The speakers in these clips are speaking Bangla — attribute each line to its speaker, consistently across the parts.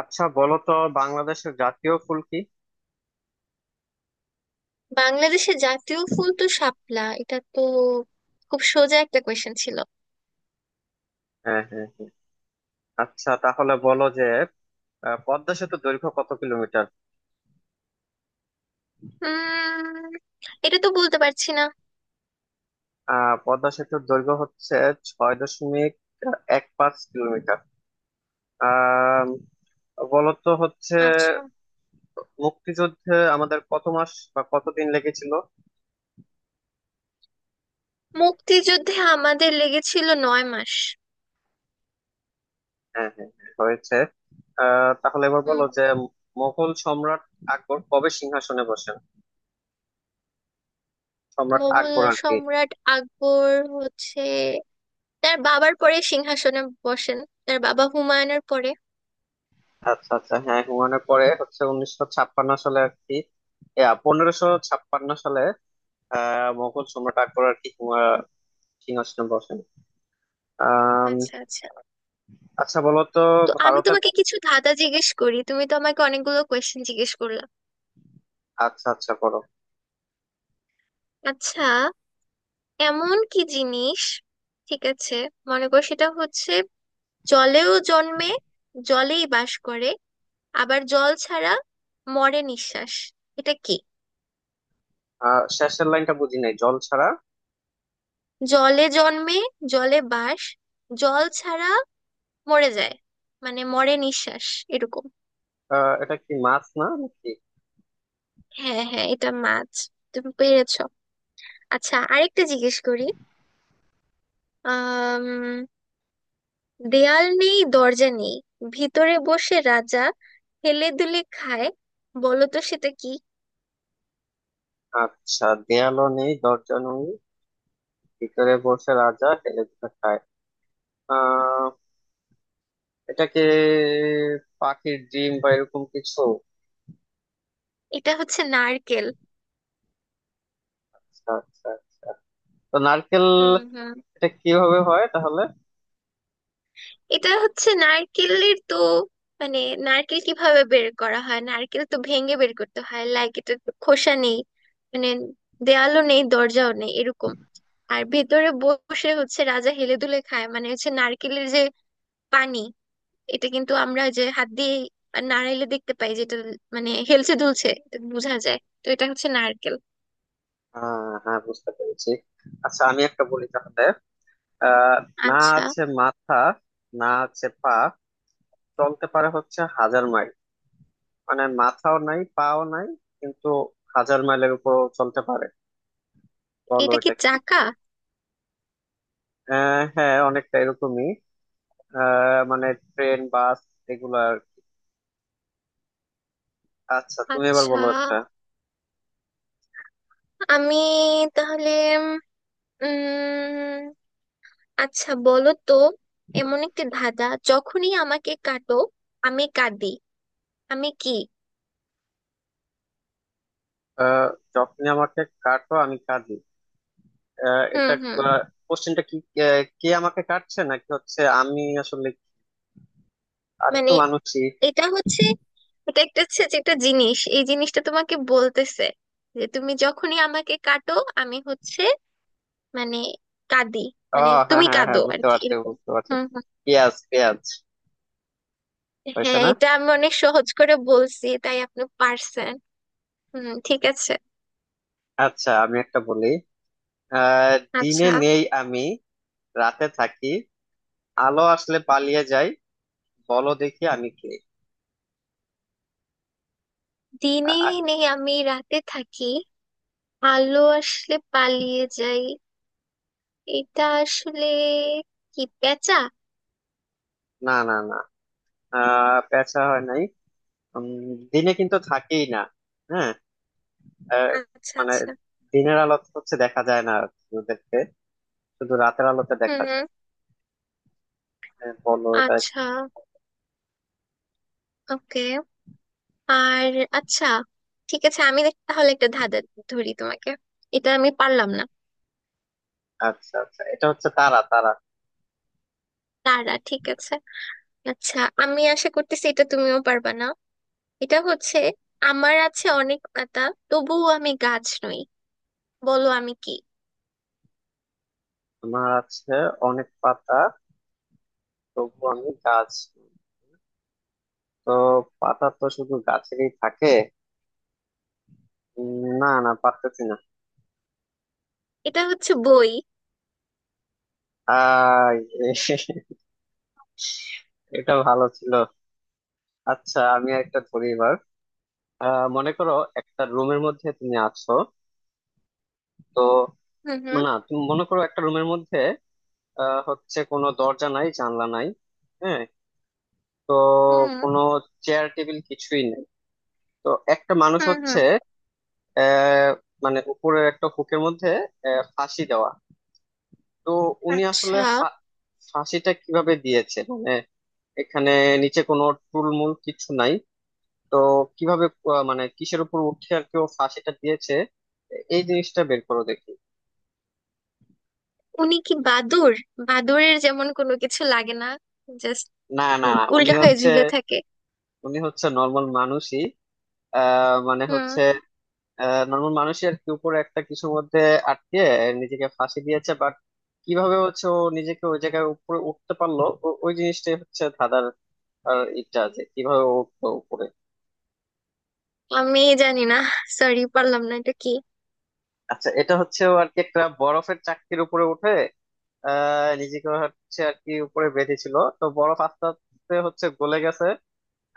Speaker 1: আচ্ছা, বলো তো বাংলাদেশের জাতীয় ফুল কি?
Speaker 2: বাংলাদেশের জাতীয় ফুল তো শাপলা, এটা তো খুব সোজা একটা কোয়েশ্চেন ছিল।
Speaker 1: হ্যাঁ, হ্যাঁ, হ্যাঁ। আচ্ছা, তাহলে বলো যে পদ্মা সেতুর দৈর্ঘ্য কত কিলোমিটার?
Speaker 2: উম এটা তো বলতে পারছি না।
Speaker 1: পদ্মা সেতুর দৈর্ঘ্য হচ্ছে 6.15 কিলোমিটার। আহ বলো তো হচ্ছে,
Speaker 2: আচ্ছা,
Speaker 1: মুক্তিযুদ্ধে আমাদের কত মাস বা কতদিন লেগেছিল?
Speaker 2: মুক্তিযুদ্ধে আমাদের লেগেছিল 9 মাস।
Speaker 1: হ্যাঁ, হ্যাঁ, হ্যাঁ, হয়েছে। তাহলে এবার বলো
Speaker 2: হুম।
Speaker 1: যে মোগল সম্রাট আকবর কবে সিংহাসনে বসেন? সম্রাট
Speaker 2: মুঘল
Speaker 1: আকবর আর কি।
Speaker 2: সম্রাট আকবর হচ্ছে তার বাবার পরে সিংহাসনে বসেন, তার বাবা হুমায়ুনের পরে।
Speaker 1: আচ্ছা, আচ্ছা, হ্যাঁ, হুমায়ুনের পরে হচ্ছে 1956 সালে, আর কি 1556 সালে। মোগল সম্রাট আকবর আর কি সিংহাসনে বসেন। আম,
Speaker 2: আচ্ছা আচ্ছা,
Speaker 1: আচ্ছা, বলো তো
Speaker 2: তো আমি
Speaker 1: ভারতের।
Speaker 2: তোমাকে কিছু ধাঁধা জিজ্ঞেস করি, তুমি তো আমাকে অনেকগুলো কোয়েশ্চেন জিজ্ঞেস করলা।
Speaker 1: আচ্ছা, আচ্ছা, বলো।
Speaker 2: আচ্ছা, এমন কি জিনিস, ঠিক আছে মনে করো সেটা হচ্ছে জলেও জন্মে, জলেই বাস করে, আবার জল ছাড়া মরে নিঃশ্বাস। এটা কি?
Speaker 1: শেষের লাইনটা বুঝি নাই, জল ছাড়া।
Speaker 2: জলে জন্মে, জলে বাস, জল ছাড়া মরে যায়, মানে মরে নিঃশ্বাস, এরকম।
Speaker 1: এটা কি মাছ না নাকি?
Speaker 2: হ্যাঁ হ্যাঁ, এটা মাছ, তুমি পেরেছো। আচ্ছা আরেকটা জিজ্ঞেস করি। আম দেয়াল নেই দরজা নেই, ভিতরে বসে রাজা হেলে দুলে খায়, বলো তো সেটা কি?
Speaker 1: আচ্ছা, দেয়ালও নেই, দরজা নেই, ভিতরে বসে রাজা হেলে দুলে খায়। আহ এটা কি পাখির ডিম বা এরকম কিছু?
Speaker 2: এটা হচ্ছে নারকেল।
Speaker 1: আচ্ছা, আচ্ছা, আচ্ছা। তো নারকেল।
Speaker 2: হুম হুম
Speaker 1: এটা কিভাবে হয় তাহলে?
Speaker 2: এটা হচ্ছে নারকেলের তো, মানে নারকেল কিভাবে বের করা হয়, নারকেল তো ভেঙে বের করতে হয়, লাইক এটা তো খোসা নেই, মানে দেয়ালও নেই দরজাও নেই এরকম, আর ভেতরে বসে হচ্ছে রাজা হেলে দুলে খায় মানে হচ্ছে নারকেলের যে পানি, এটা কিন্তু আমরা যে হাত দিয়ে নাড়াইলে দেখতে পাই যেটা, মানে হেলছে দুলছে এটা বোঝা যায়, তো এটা হচ্ছে নারকেল।
Speaker 1: হ্যাঁ, বুঝতে পেরেছি। আচ্ছা, আমি একটা বলি তাহলে। আহ না
Speaker 2: আচ্ছা,
Speaker 1: আছে মাথা, না আছে পা, চলতে পারে হচ্ছে 1000 মাইল। মানে মাথাও নাই, পাও নাই, কিন্তু 1000 মাইলের উপর চলতে পারে। বলো
Speaker 2: এটা কি
Speaker 1: এটা কি?
Speaker 2: চাকা?
Speaker 1: হ্যাঁ, অনেকটা এরকমই। মানে ট্রেন, বাস, এগুলা আর কি। আচ্ছা, তুমি এবার
Speaker 2: আচ্ছা,
Speaker 1: বলো একটা।
Speaker 2: আমি তাহলে উম আচ্ছা বলো তো, এমন একটি ধাঁধা, যখনই আমাকে কাটো আমি কাঁদি, আমি কি?
Speaker 1: আহ যখনই আমাকে কাটো আমি কাঁদি।
Speaker 2: হুম
Speaker 1: এটা
Speaker 2: হুম
Speaker 1: কোশ্চেনটা কি? কে আমাকে কাটছে নাকি হচ্ছে আমি আসলে? আমি তো
Speaker 2: মানে
Speaker 1: মানুষই।
Speaker 2: এটা হচ্ছে, এটা একটা হচ্ছে যে একটা জিনিস, এই জিনিসটা তোমাকে বলতেছে যে তুমি যখনই আমাকে কাটো আমি হচ্ছে মানে কাঁদি,
Speaker 1: ও,
Speaker 2: মানে
Speaker 1: হ্যাঁ,
Speaker 2: তুমি
Speaker 1: হ্যাঁ,
Speaker 2: কাঁদো
Speaker 1: হ্যাঁ,
Speaker 2: আর
Speaker 1: বুঝতে
Speaker 2: কি
Speaker 1: পারছি,
Speaker 2: এরকম।
Speaker 1: বুঝতে পারছি।
Speaker 2: হুম হুম
Speaker 1: পেঁয়াজ, পেঁয়াজ। হয়েছে
Speaker 2: হ্যাঁ,
Speaker 1: না?
Speaker 2: এটা আমি অনেক সহজ করে বলছি তাই আপনি পারছেন। হুম, ঠিক আছে।
Speaker 1: আচ্ছা, আমি একটা বলি। দিনে
Speaker 2: আচ্ছা।
Speaker 1: নেই আমি, রাতে থাকি, আলো আসলে পালিয়ে যাই। বলো দেখি আমি কে?
Speaker 2: দিনে
Speaker 1: আ-
Speaker 2: নেই আমি, রাতে থাকি, আলো আসলে পালিয়ে যাই, এটা আসলে কি পেঁচা?
Speaker 1: না, না, না। পেঁচা হয় নাই। উম, দিনে কিন্তু থাকেই না। হ্যাঁ। আহ,
Speaker 2: আচ্ছা
Speaker 1: মানে
Speaker 2: আচ্ছা।
Speaker 1: দিনের আলো হচ্ছে দেখা যায় না ওদেরকে, শুধু রাতের আলোতে
Speaker 2: হুম
Speaker 1: দেখা
Speaker 2: হুম,
Speaker 1: যায়। হ্যাঁ, বলো এটা।
Speaker 2: আচ্ছা, ওকে। আর আচ্ছা, ঠিক আছে আমি তাহলে একটা ধাঁধা ধরি তোমাকে, এটা আমি পারলাম না।
Speaker 1: আচ্ছা, আচ্ছা, এটা হচ্ছে তারা তারা।
Speaker 2: তারা, ঠিক আছে। আচ্ছা, আমি আশা করতেছি এটা তুমিও পারবা না। এটা হচ্ছে, আমার আছে অনেক পাতা, তবুও আমি গাছ নই, বলো আমি কি?
Speaker 1: তোমার আছে অনেক পাতা, তবু আমি গাছ। তো পাতা তো শুধু গাছেরই থাকে। না, না, পারতেছি না।
Speaker 2: এটা হচ্ছে বই।
Speaker 1: আই, এটা ভালো ছিল। আচ্ছা, আমি একটা ধরি এবার। মনে করো একটা রুমের মধ্যে তুমি আছো। তো
Speaker 2: হুম হুম
Speaker 1: না, তুমি মনে করো একটা রুমের মধ্যে, হচ্ছে কোনো দরজা নাই, জানলা নাই। হ্যাঁ। তো
Speaker 2: হুম
Speaker 1: কোনো চেয়ার, টেবিল কিছুই নেই। তো একটা মানুষ
Speaker 2: হুম
Speaker 1: হচ্ছে,
Speaker 2: হুম
Speaker 1: আহ মানে উপরে একটা হুকের মধ্যে, ফাঁসি দেওয়া। তো উনি আসলে
Speaker 2: আচ্ছা,
Speaker 1: ফাঁসিটা কিভাবে দিয়েছে মানে? এখানে নিচে কোনো টুলমুল কিছু নাই। তো কিভাবে, মানে কিসের উপর উঠে আর কেউ ফাঁসিটা দিয়েছে? এই জিনিসটা বের করো দেখি।
Speaker 2: উনি কি বাদুড়? বাদুড়ের যেমন কোনো কিছু লাগে না, জাস্ট
Speaker 1: না, না, না, উনি
Speaker 2: উল্টা হয়ে
Speaker 1: হচ্ছে
Speaker 2: ঝুলে থাকে।
Speaker 1: উনি হচ্ছে নর্মাল মানুষই। মানে
Speaker 2: হুম
Speaker 1: হচ্ছে নর্মাল মানুষই আর কি, উপরে একটা কিছুর মধ্যে আটকে নিজেকে ফাঁসি দিয়েছে, বাট কিভাবে হচ্ছে ও নিজেকে ওই জায়গায় উপরে উঠতে পারলো, ওই জিনিসটাই হচ্ছে ধাঁধার। আর ইটা আছে কিভাবে ও উঠলো উপরে।
Speaker 2: আমি জানি না, সরি পারলাম না, এটা কি?
Speaker 1: আচ্ছা, এটা হচ্ছে ও আর কি একটা বরফের চাকতির উপরে উঠে নিজেকে হচ্ছে আর কি উপরে বেঁধেছিল, তো বরফ আস্তে আস্তে হচ্ছে গলে গেছে,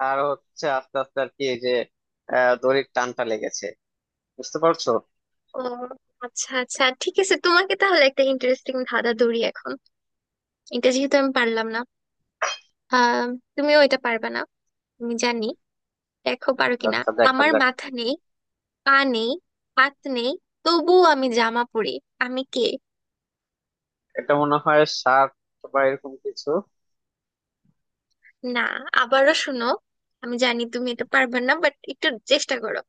Speaker 1: আর হচ্ছে আস্তে আস্তে আর কি এই যে দড়ির টানটা লেগেছে। বুঝতে পারছো?
Speaker 2: ও, আচ্ছা আচ্ছা, ঠিক আছে তোমাকে তাহলে একটা ইন্টারেস্টিং ধাঁধা ধরি এখন। এটা যেহেতু আমি পারলাম না, আহ তুমিও এটা পারবে না আমি জানি, দেখো পারো কিনা।
Speaker 1: আচ্ছা, দেখা
Speaker 2: আমার
Speaker 1: যাক।
Speaker 2: মাথা নেই, পা নেই, হাত নেই, তবুও আমি জামা পরি, আমি কে?
Speaker 1: এটা মনে হয় সাপ বা এরকম কিছু।
Speaker 2: না, আবারও শোনো, আমি জানি তুমি এটা পারবে না বাট একটু চেষ্টা করো।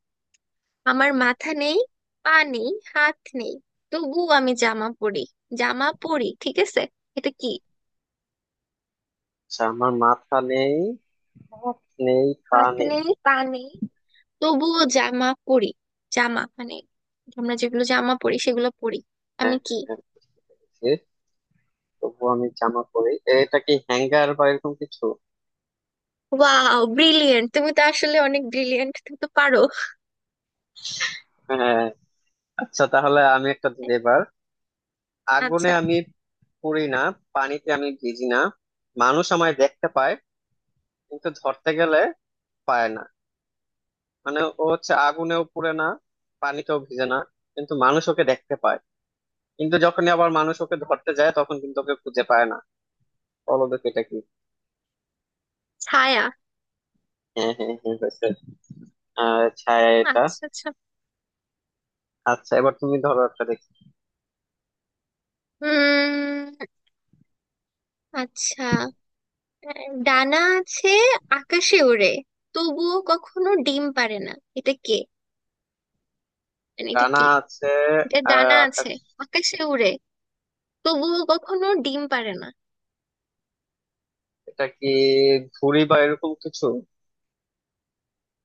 Speaker 2: আমার মাথা নেই, পা নেই, হাত নেই, তবু আমি জামা পরি। জামা পরি, ঠিক আছে, এটা কি?
Speaker 1: আচ্ছা, আমার মাথা নেই, হাত নেই, পা
Speaker 2: হাত
Speaker 1: নেই।
Speaker 2: নেই পা নেই তবুও জামা পরি, জামা মানে আমরা যেগুলো জামা পরি সেগুলো পরি।
Speaker 1: হ্যাঁ,
Speaker 2: আমি
Speaker 1: হ্যাঁ,
Speaker 2: কি?
Speaker 1: হ্যাঁ, বুঝছি। তবুও আমি জামা পরি, এটা কি হ্যাঙ্গার বা এরকম কিছু?
Speaker 2: ওয়াও, ব্রিলিয়েন্ট, তুমি তো আসলে অনেক ব্রিলিয়েন্ট, তুমি তো পারো।
Speaker 1: হ্যাঁ। আচ্ছা, তাহলে আমি একটা দিই এবার। আগুনে
Speaker 2: আচ্ছা।
Speaker 1: আমি পড়ি না, পানিতে আমি ভিজি না, মানুষ আমায় দেখতে পায়, কিন্তু ধরতে গেলে পায় না। মানে ও হচ্ছে আগুনেও পুড়ে না, পানিতেও ভিজে না, কিন্তু মানুষ ওকে দেখতে পায়, কিন্তু যখনই আবার মানুষ ওকে ধরতে যায় তখন কিন্তু ওকে খুঁজে পায় না। বলো দেখি এটা কি?
Speaker 2: ছায়া।
Speaker 1: হ্যাঁ, হ্যাঁ, হ্যাঁ, হয়েছে। ছায়া এটা।
Speaker 2: আচ্ছা আচ্ছা।
Speaker 1: আচ্ছা, এবার তুমি ধরো একটা দেখি।
Speaker 2: উম আচ্ছা, ডানা আছে, আকাশে ওড়ে, তবুও কখনো ডিম পারে না, এটা কে, মানে এটা
Speaker 1: ডানা
Speaker 2: কি?
Speaker 1: আছে,
Speaker 2: এটা ডানা
Speaker 1: আকাশ।
Speaker 2: আছে, আকাশে উড়ে, তবুও কখনো ডিম পারে না।
Speaker 1: এটা কি ঘুড়ি বা এরকম কিছু?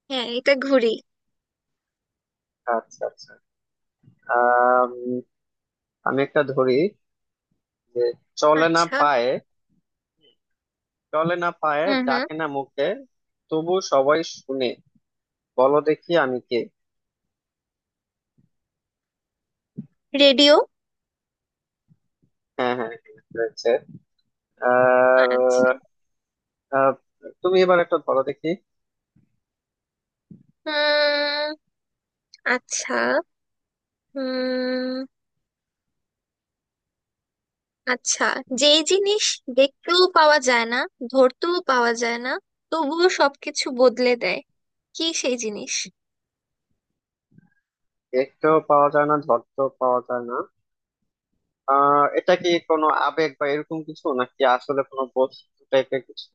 Speaker 2: হ্যাঁ এটা ঘুড়ি।
Speaker 1: আচ্ছা, আচ্ছা। আহ আমি একটা ধরি যে, চলে না
Speaker 2: আচ্ছা।
Speaker 1: পায়ে চলে না পায়ে,
Speaker 2: হুম হুম
Speaker 1: ডাকে না মুখে, তবু সবাই শুনে। বলো দেখি আমি কে?
Speaker 2: রেডিও।
Speaker 1: হ্যাঁ, হ্যাঁ, হ্যাঁ, হয়েছে। আর
Speaker 2: আচ্ছা।
Speaker 1: আহ, তুমি এবার একটা বলো দেখি।
Speaker 2: হুম আচ্ছা। হুম আচ্ছা, যেই জিনিস দেখতেও পাওয়া যায় না, ধরতেও পাওয়া যায় না, তবুও সবকিছু বদলে দেয়, কি সেই জিনিস?
Speaker 1: দেখতেও পাওয়া যায় না, ধরতেও পাওয়া যায় না। এটা কি কোনো আবেগ বা এরকম কিছু নাকি আসলে কোনো বস্তু টাইপের কিছু?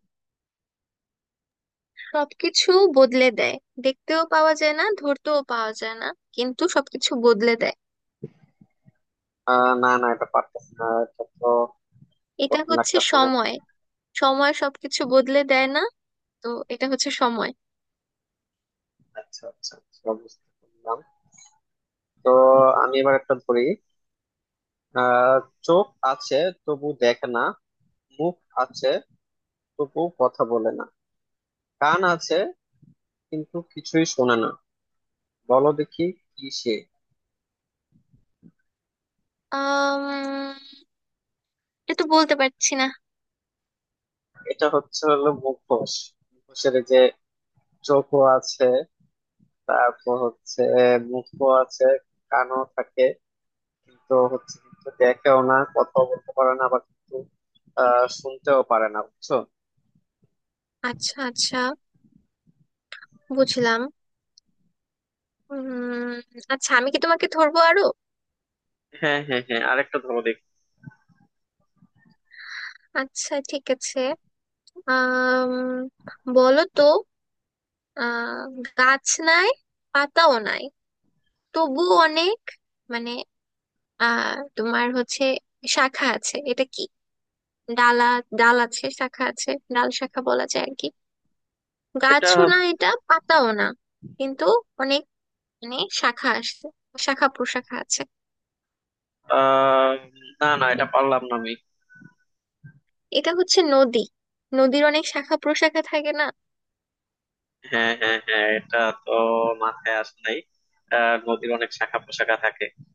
Speaker 2: সবকিছু বদলে দেয়, দেখতেও পাওয়া যায় না ধরতেও পাওয়া যায় না, কিন্তু সবকিছু বদলে দেয়।
Speaker 1: না, না, এটা পারতেছে না। এটা তো
Speaker 2: এটা
Speaker 1: কঠিন
Speaker 2: হচ্ছে
Speaker 1: লাগতেছে না?
Speaker 2: সময়, সময় সবকিছু বদলে দেয় না, তো এটা হচ্ছে সময়।
Speaker 1: আচ্ছা, আচ্ছা, আচ্ছা, বুঝতে পারলাম। তো আমি এবার একটা ধরি। আহ চোখ আছে তবু দেখে না, মুখ আছে তবু কথা বলে না, কান আছে কিন্তু কিছুই শোনে না। বলো দেখি কি সে?
Speaker 2: আম, এটা বলতে পারছি না।
Speaker 1: এটা হচ্ছে হলো মুখোশ। মুখোশের এই যে চোখও আছে, তারপর হচ্ছে মুখও আছে, কানও থাকে, কিন্তু হচ্ছে, কিন্তু দেখেও না, কথাও বলতে পারে না, আবার কিন্তু শুনতেও পারে না। বুঝছো?
Speaker 2: আচ্ছা আচ্ছা, বুঝলাম। উম আচ্ছা আমি কি তোমাকে ধরবো আরো?
Speaker 1: হ্যাঁ, হ্যাঁ, হ্যাঁ, আরেকটা ধরো দেখি।
Speaker 2: আচ্ছা ঠিক আছে। আম বলো তো, আহ গাছ নাই, পাতাও নাই, তবু অনেক, মানে, আহ তোমার হচ্ছে শাখা আছে, এটা কি? ডালা, ডাল আছে, শাখা আছে, ডাল শাখা বলা যায় আর কি।
Speaker 1: এটা
Speaker 2: গাছও না এটা, পাতাও না, কিন্তু অনেক, মানে, শাখা আসছে, শাখা প্রশাখা আছে।
Speaker 1: আহ না, না, এটা পারলাম না আমি।
Speaker 2: এটা হচ্ছে নদী, নদীর অনেক শাখা প্রশাখা থাকে না।
Speaker 1: হ্যাঁ, হ্যাঁ, হ্যাঁ, এটা তো মাথায় আসে নাই। নদীর অনেক শাখা প্রশাখা থাকে।